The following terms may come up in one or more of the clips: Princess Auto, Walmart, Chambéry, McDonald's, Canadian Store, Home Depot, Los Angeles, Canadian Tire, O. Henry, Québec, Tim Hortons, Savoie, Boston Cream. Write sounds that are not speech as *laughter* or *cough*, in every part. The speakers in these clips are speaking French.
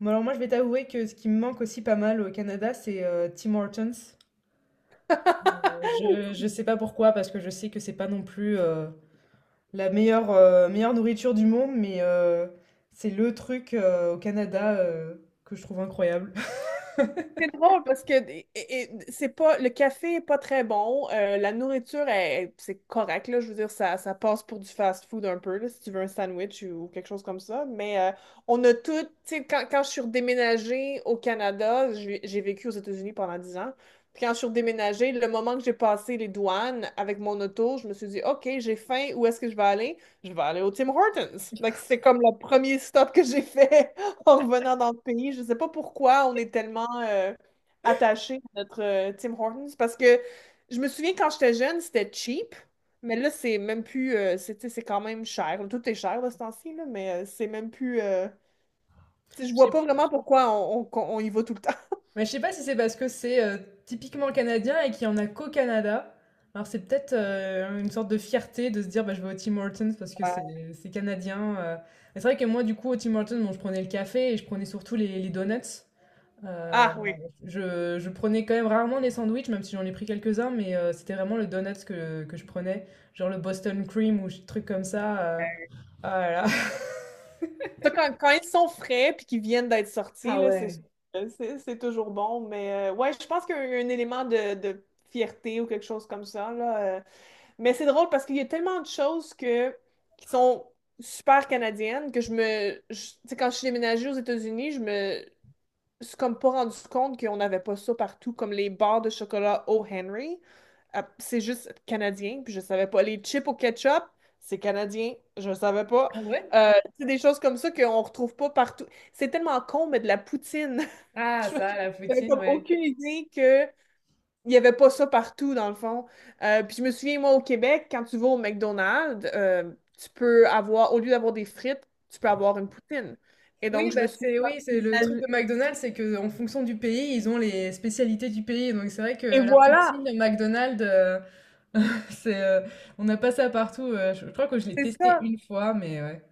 Bon, alors moi, je vais t'avouer que ce qui me manque aussi pas mal au Canada, c'est Tim Hortons. Je sais pas pourquoi, parce que je sais que c'est pas non plus la meilleure nourriture du monde, mais c'est le truc au Canada, que je trouve incroyable. C'est drôle parce que c'est pas le café est pas très bon, la nourriture c'est correct là, je veux dire ça passe pour du fast-food un peu là, si tu veux un sandwich ou quelque chose comme ça, mais on a tout, tu sais quand je suis redéménagée au Canada, j'ai vécu aux États-Unis pendant 10 ans. Puis quand je suis redéménagée, le moment que j'ai passé les douanes avec mon auto, je me suis dit OK, j'ai faim, où est-ce que je vais aller? Je vais aller au Tim Hortons. Donc c'est comme le premier stop que j'ai fait *laughs* en revenant dans le pays. Je ne sais pas pourquoi on est tellement attaché à notre Tim Hortons parce que je me souviens quand j'étais jeune, c'était cheap, mais là, c'est même plus. C'est Tu sais, c'est quand même cher. Tout est cher de ce temps-ci, là, mais c'est même plus. Tu sais, *laughs* je Je vois sais, pas vraiment pourquoi on y va tout le temps. mais je sais pas si c'est parce que c'est typiquement canadien et qu'il y en a qu'au Canada. Alors c'est peut-être une sorte de fierté de se dire bah, je vais au Tim Hortons parce que *laughs* c'est canadien. Mais c'est vrai que moi du coup au Tim Hortons bon, je prenais le café et je prenais surtout les donuts. Euh, Ah oui. je prenais quand même rarement des sandwichs, même si j'en ai pris quelques-uns, mais c'était vraiment le donuts que je prenais, genre le Boston Cream ou des trucs comme ça. Là là. *laughs* Ça, quand ils sont frais puis qu'ils viennent d'être sortis, là, c'est sûr que c'est toujours bon. Mais ouais, je pense qu'il y a un élément de fierté ou quelque chose comme ça, là. Mais c'est drôle parce qu'il y a tellement de choses que, qui sont super canadiennes que tu sais, quand je suis déménagée aux États-Unis, je me suis comme pas rendu compte qu'on n'avait pas ça partout, comme les barres de chocolat O. Henry. C'est juste canadien, puis je savais pas. Les chips au ketchup, c'est canadien, je savais pas. Ah ouais? Euh, c'est des choses comme ça qu'on retrouve pas partout. C'est tellement con, mais de la poutine. *laughs* Ah Je- ça, la J'avais poutine, comme ouais. aucune idée que il y avait pas ça partout, dans le fond. Puis je me souviens, moi, au Québec, quand tu vas au McDonald's, tu peux avoir, au lieu d'avoir des frites, tu peux avoir une poutine. Et Oui, donc, je bah me suis. c'est oui, c'est le truc de McDonald's, c'est que en fonction du pays, ils ont les spécialités du pays. Donc c'est vrai que Et la voilà! poutine de McDonald's, *laughs* c'est, on n'a pas ça partout. Je crois que je l'ai C'est testé ça. une fois, mais ouais.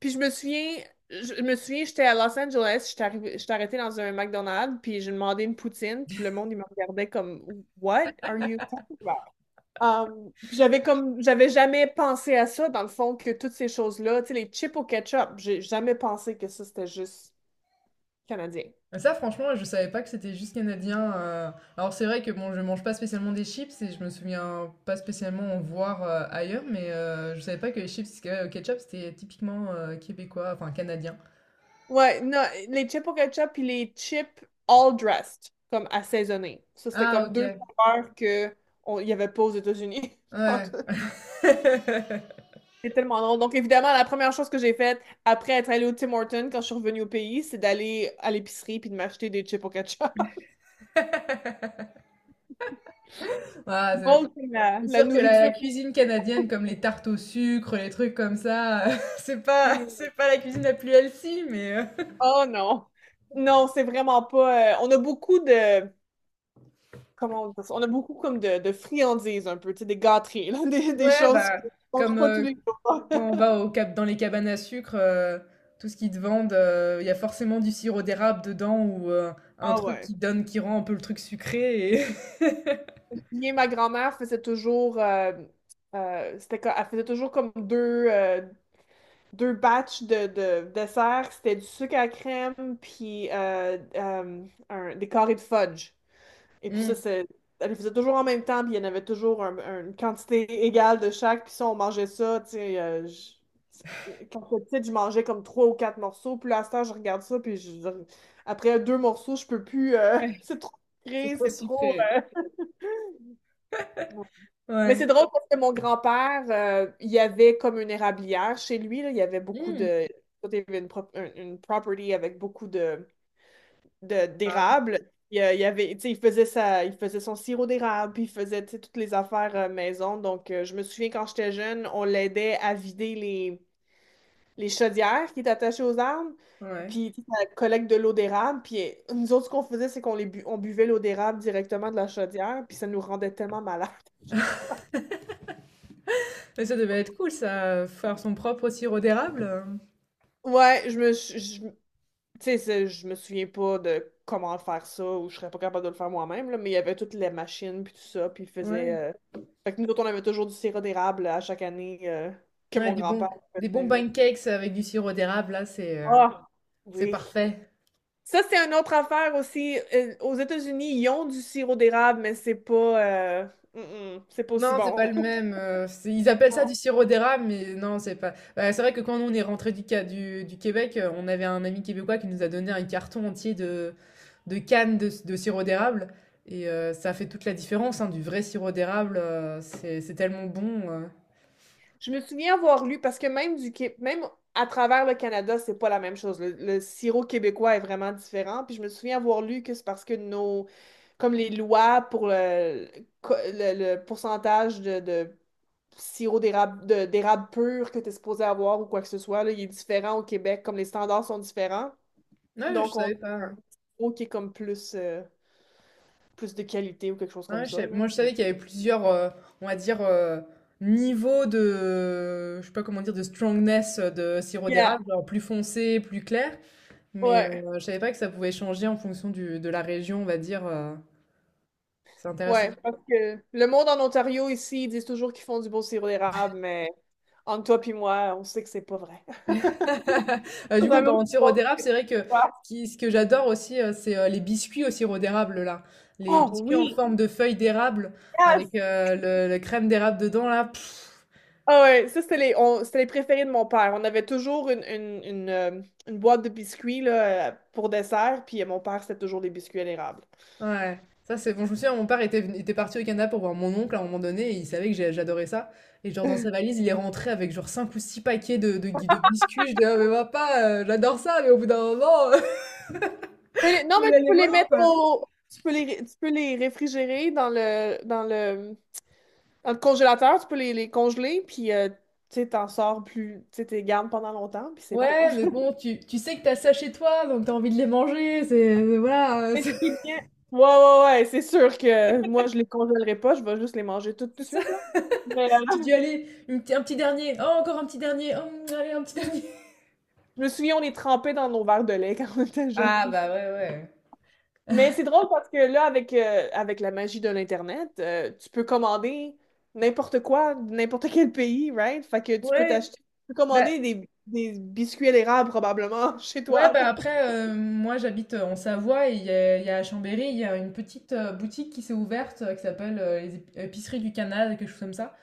Puis je me souviens, j'étais à Los Angeles, j'étais arrêtée dans un McDonald's, puis j'ai demandé une poutine, puis le monde, il me regardait comme What are you talking about? Puis j'avais jamais pensé à ça, dans le fond, que toutes ces choses-là, tu sais, les chips au ketchup, j'ai jamais pensé que ça, c'était juste canadien. Ah, ça, franchement, je savais pas que c'était juste canadien. Alors, c'est vrai que bon, je mange pas spécialement des chips et je me souviens pas spécialement en voir ailleurs, mais je savais pas que les chips au ketchup c'était typiquement québécois, enfin canadien. Ouais, non, les chips au ketchup, puis les chips all dressed, comme assaisonnés. Ça, c'était Ah, comme deux ok. saveurs que il n'y avait pas aux États-Unis. Ouais. *laughs* *laughs* C'est tellement long. Donc, évidemment, la première chose que j'ai faite après être allée au Tim Hortons quand je suis revenue au pays, c'est d'aller à l'épicerie puis de m'acheter des chips au ketchup. *laughs* Ah, c'est Donc, la, c'est la sûr que la nourriture. cuisine canadienne, comme les tartes au sucre, les trucs comme ça, *laughs* c'est pas la cuisine la plus healthy, mais Oh non! Non, c'est vraiment pas. On a beaucoup de. Comment on dit ça? On a beaucoup comme de friandises un peu, tu sais, des gâteries, là, *laughs* des ouais, choses bah, qu'on ne comme, mange pas tous les jours. quand on va *laughs* au cap dans les cabanes à sucre, tout ce qu'ils te vendent, il y a forcément du sirop d'érable dedans ou, un Ah truc ouais. qui donne qui rend un peu le truc sucré et Bien, ma grand-mère faisait toujours. Elle faisait toujours comme deux batchs de dessert. C'était du sucre à crème, puis des carrés de fudge. Et *laughs* puis mmh, ça, elle les faisait toujours en même temps, puis il y en avait toujours une quantité égale de chaque. Puis ça, on mangeait ça, tu sais. Quand j'étais petite, je mangeais comme trois ou quatre morceaux. Puis là, à ce temps, je regarde ça, puis après deux morceaux, je peux plus. Ouais, *laughs* C'est trop c'est sucré, trop c'est trop. sucré. euh, mais c'est Ouais. drôle parce que mon grand-père, il y avait comme une érablière chez lui, là. Il y avait beaucoup Mmh, de. Il y avait une property avec beaucoup d'érable, d'érable. Il y avait, tu sais, il faisait son sirop d'érable, puis il faisait, tu sais, toutes les affaires maison. Donc, je me souviens quand j'étais jeune, on l'aidait à vider les chaudières qui étaient attachées aux arbres, ouais. puis tu sais, ça collecte de l'eau d'érable. Puis nous autres, ce qu'on faisait, c'est qu'on buvait l'eau d'érable directement de la chaudière, puis ça nous rendait tellement malades. *laughs* Mais ça devait être cool ça, faire son propre sirop d'érable, Ouais, je me, suis- je, tu sais, je me souviens pas de comment faire ça ou je serais pas capable de le faire moi-même, là, mais il y avait toutes les machines puis tout ça, puis il faisait. ouais. Fait que nous autres, on avait toujours du sirop d'érable à chaque année que Ouais, mon des bons grand-père des bons faisait. pancakes avec du sirop d'érable là, Ah, c'est oui. parfait. Ça, c'est une autre affaire aussi. Aux États-Unis, ils ont du sirop d'érable, mais c'est pas, mm, c'est pas aussi Non, c'est bon. pas le même. C'est- ils appellent ça du *laughs* sirop d'érable, mais non, c'est pas. Bah, c'est vrai que quand on est rentré du, Ca- du Québec, on avait un ami québécois qui nous a donné un carton entier de cannes de sirop d'érable. Et ça fait toute la différence, hein, du vrai sirop d'érable. C'est tellement bon. Je me souviens avoir lu, parce que même à travers le Canada, c'est pas la même chose. Le sirop québécois est vraiment différent. Puis je me souviens avoir lu que c'est parce que comme les lois pour le pourcentage de sirop d'érable, d'érable pur que tu es supposé avoir ou quoi que ce soit, là, il est différent au Québec, comme les standards sont différents. Ouais, je Donc on a savais pas. un Hein. sirop qui est comme plus de qualité ou quelque chose comme Ouais, je ça, savais- là. moi, je savais qu'il y avait plusieurs, on va dire, niveaux de, je sais pas comment dire, de strongness de sirop Yeah. d'érable, genre plus foncé, plus clair. Mais Ouais. Je savais pas que ça pouvait changer en fonction du, de la région, on va dire. C'est intéressant. Ouais, parce que le monde en Ontario ici, ils disent toujours qu'ils font du beau sirop d'érable, mais entre toi puis moi, on sait que c'est pas vrai. *laughs* *laughs* Du On coup, a on peut même en sirop pas- d'érable. C'est vrai que Ouais. ce qui- ce que j'adore aussi, c'est les biscuits au sirop d'érable, là. Les Oh biscuits en oui! forme de feuilles d'érable Yes! avec le, la crème d'érable dedans, là. Pff, Ah ouais, ça c'était les préférés de mon père. On avait toujours une boîte de biscuits là, pour dessert, puis mon père c'était toujours des biscuits à l'érable. Ouais. Ça, c'est bon. Je me souviens, mon père était, venu- était parti au Canada pour voir mon oncle à un moment donné et il savait que j'ai- j'adorais ça. Et genre, dans sa valise, il est rentré avec genre 5 ou 6 paquets de biscuits. Je dis, ah, mais papa, j'adore ça, mais au bout d'un moment, *laughs* Non, faut mais y tu aller peux les mollo, mettre quoi. au. Tu peux les réfrigérer dans le congélateur, tu peux les congeler, puis tu sais, t'en sors plus, tu sais, t'es gardes pendant longtemps, puis c'est bon. Ouais, *laughs* mais bon, tu sais que t'as ça chez toi, donc t'as envie de les manger, c'est... voilà, Mais ce c'est qui est bien- Ouais, ouais, ouais, c'est sûr que moi, je les congèlerai pas, je vais juste les manger tout *laughs* de c'est ça. suite, là. Mais Tu dis, allez, une p- un petit dernier, oh, encore un petit dernier, oh, allez, un petit dernier. je me souviens, on les trempait dans nos verres de lait *laughs* quand on était jeunes. Ah bah ouais, ouais. Mais c'est drôle parce que là, avec la magie de l'Internet, tu peux commander n'importe quoi, de n'importe quel pays, right? Fait que tu peux Ouais, t'acheter, tu peux bah, commander des biscuits à l'érable probablement *laughs* chez ouais, toi. bah, après, moi j'habite, en Savoie et il y a à Chambéry, il y a une petite boutique qui s'est ouverte, qui s'appelle, les ép épiceries du Canada, quelque chose comme ça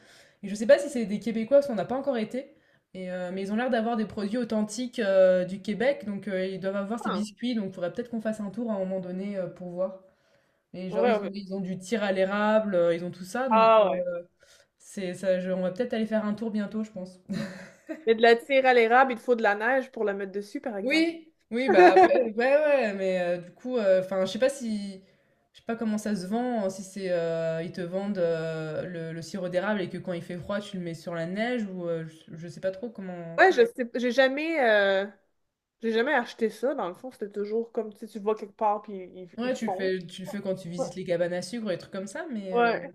et je sais pas si c'est des Québécois parce qu'on n'a pas encore été et mais ils ont l'air d'avoir des produits authentiques, du Québec donc ils doivent avoir ces Ah, biscuits donc il faudrait peut-être qu'on fasse un tour à un moment donné, pour voir et genre ouais, ils ont ouais. ils ont du tir à l'érable, ils ont tout ça donc Ah, c'est ça je on va peut-être aller faire un tour bientôt, je pense. mais de la tire à l'érable, il te faut de la neige pour la mettre dessus, par exemple. Oui, oui, bah, après, *laughs* ouais, ouais, mais du coup, enfin, je sais pas si, je sais pas comment ça se vend, si c'est, ils te vendent le sirop d'érable et que quand il fait froid, tu le mets sur la neige ou euh, je sais pas trop comment. Ouais, je sais, j'ai jamais acheté ça, dans le fond. C'était toujours comme, tu sais, tu vas quelque part, puis ils Ouais, le font. Tu le fais quand tu visites les cabanes à sucre et des trucs comme ça, mais Ouais,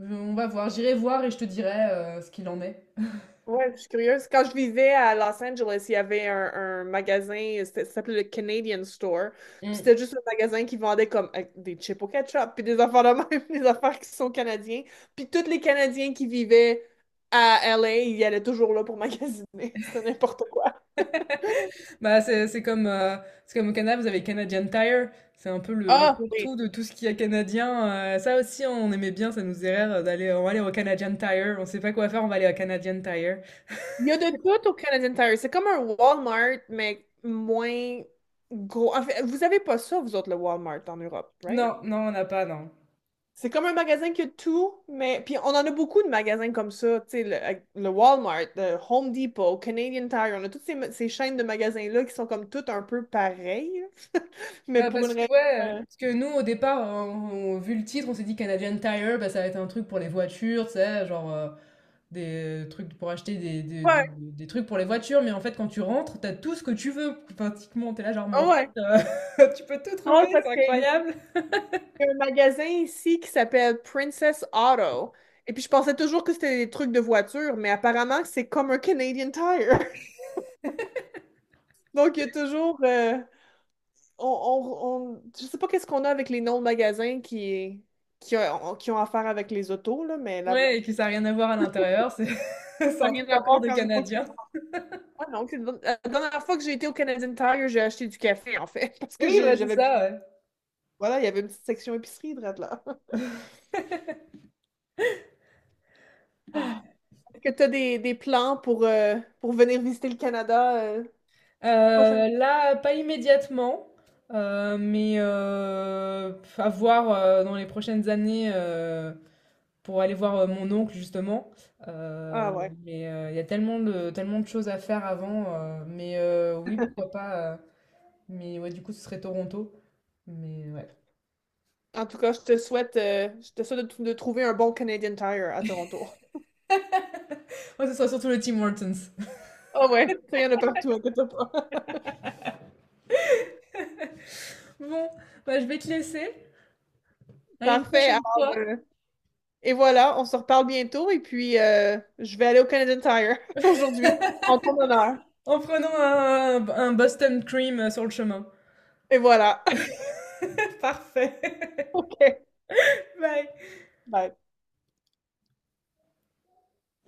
on va voir, j'irai voir et je te dirai ce qu'il en est. ouais, je suis curieuse. Quand je vivais à Los Angeles, il y avait un magasin, ça s'appelait le Canadian Store. Puis Mm. c'était juste un magasin qui vendait comme des chips au ketchup, puis des affaires de même, *laughs* des affaires qui sont canadiens. Puis tous les Canadiens qui vivaient à LA, ils allaient toujours là pour magasiner. *laughs* C'était n'importe quoi. Bah, c'est comme, c'est comme au Canada, vous avez Canadian Tire, c'est un peu le Ah, oui. tout de tout ce qu'il y a canadien. Ça aussi, on aimait bien, ça nous faisait rire d'aller, on va aller au Canadian Tire, on sait pas quoi faire, on va aller au Canadian Tire. Il y a de tout au Canadian Tire. C'est comme un Walmart, mais moins gros. En fait, vous avez pas ça, vous autres, le Walmart en Europe, right? Non, non, on n'a pas, non. C'est comme un magasin qui a tout, mais. Puis on en a beaucoup de magasins comme ça, tu sais, le Walmart, le Home Depot, Canadian Tire, on a toutes ces chaînes de magasins-là qui sont comme toutes un peu pareilles, *laughs* mais Bah, pour une parce que, raison. ouais, Ouais, parce que nous, au départ, on- vu le titre, on s'est dit Canadian Tire, bah, ça va être un truc pour les voitures, tu sais, genre des trucs pour acheter ouais. des trucs pour les voitures, mais en fait, quand tu rentres, t'as tout ce que tu veux, pratiquement. T'es là, genre, mais Ah en ouais. fait, *laughs* tu peux tout trouver, Drôle parce c'est que incroyable. Il y a un magasin ici qui s'appelle Princess Auto. Et puis, je pensais toujours que c'était des trucs de voiture, mais apparemment, c'est comme un Canadian Tire. *laughs* Donc, il y a toujours. On- je sais pas qu'est-ce qu'on a avec les noms de magasins qui ont affaire avec les autos, là, mais là, Ouais, et que ça a rien à voir à l'intérieur, c'est *laughs* c'est ça n'a un truc rien à encore voir de quand une fois. Canadiens. Ah non, la dernière fois que j'ai été au Canadian Tire, j'ai acheté du café, en fait, *laughs* parce que Oui, bah c'est j'avais plus. ça, ouais. Voilà, il y avait une petite section épicerie, drette là. *laughs* Ah. Est-ce que tu as des plans pour venir visiter le Canada? Prochaine. Là, pas immédiatement, mais à voir, dans les prochaines années, pour aller voir, mon oncle justement. Ah Heu, ouais. mais il y a tellement de choses à faire avant, mais oui, pourquoi pas, mais ouais, du coup, ce serait Toronto. Mais ouais. En tout cas, je te souhaite de trouver un bon Canadian Tire à Toronto. *laughs* Moi, ce sera surtout le Tim Hortons. *laughs* Ah ouais, ça, il y en a partout, inquiète-toi pas. *laughs* Bon, bah, je vais te laisser. À une Parfait. Alors, prochaine fois. euh, et voilà, on se reparle bientôt et puis je vais aller au Canadian Tire *laughs* aujourd'hui en ton honneur. En prenant un Boston Cream sur le chemin. Et voilà. *laughs* Parfait. *laughs* OK. Bye. Bye.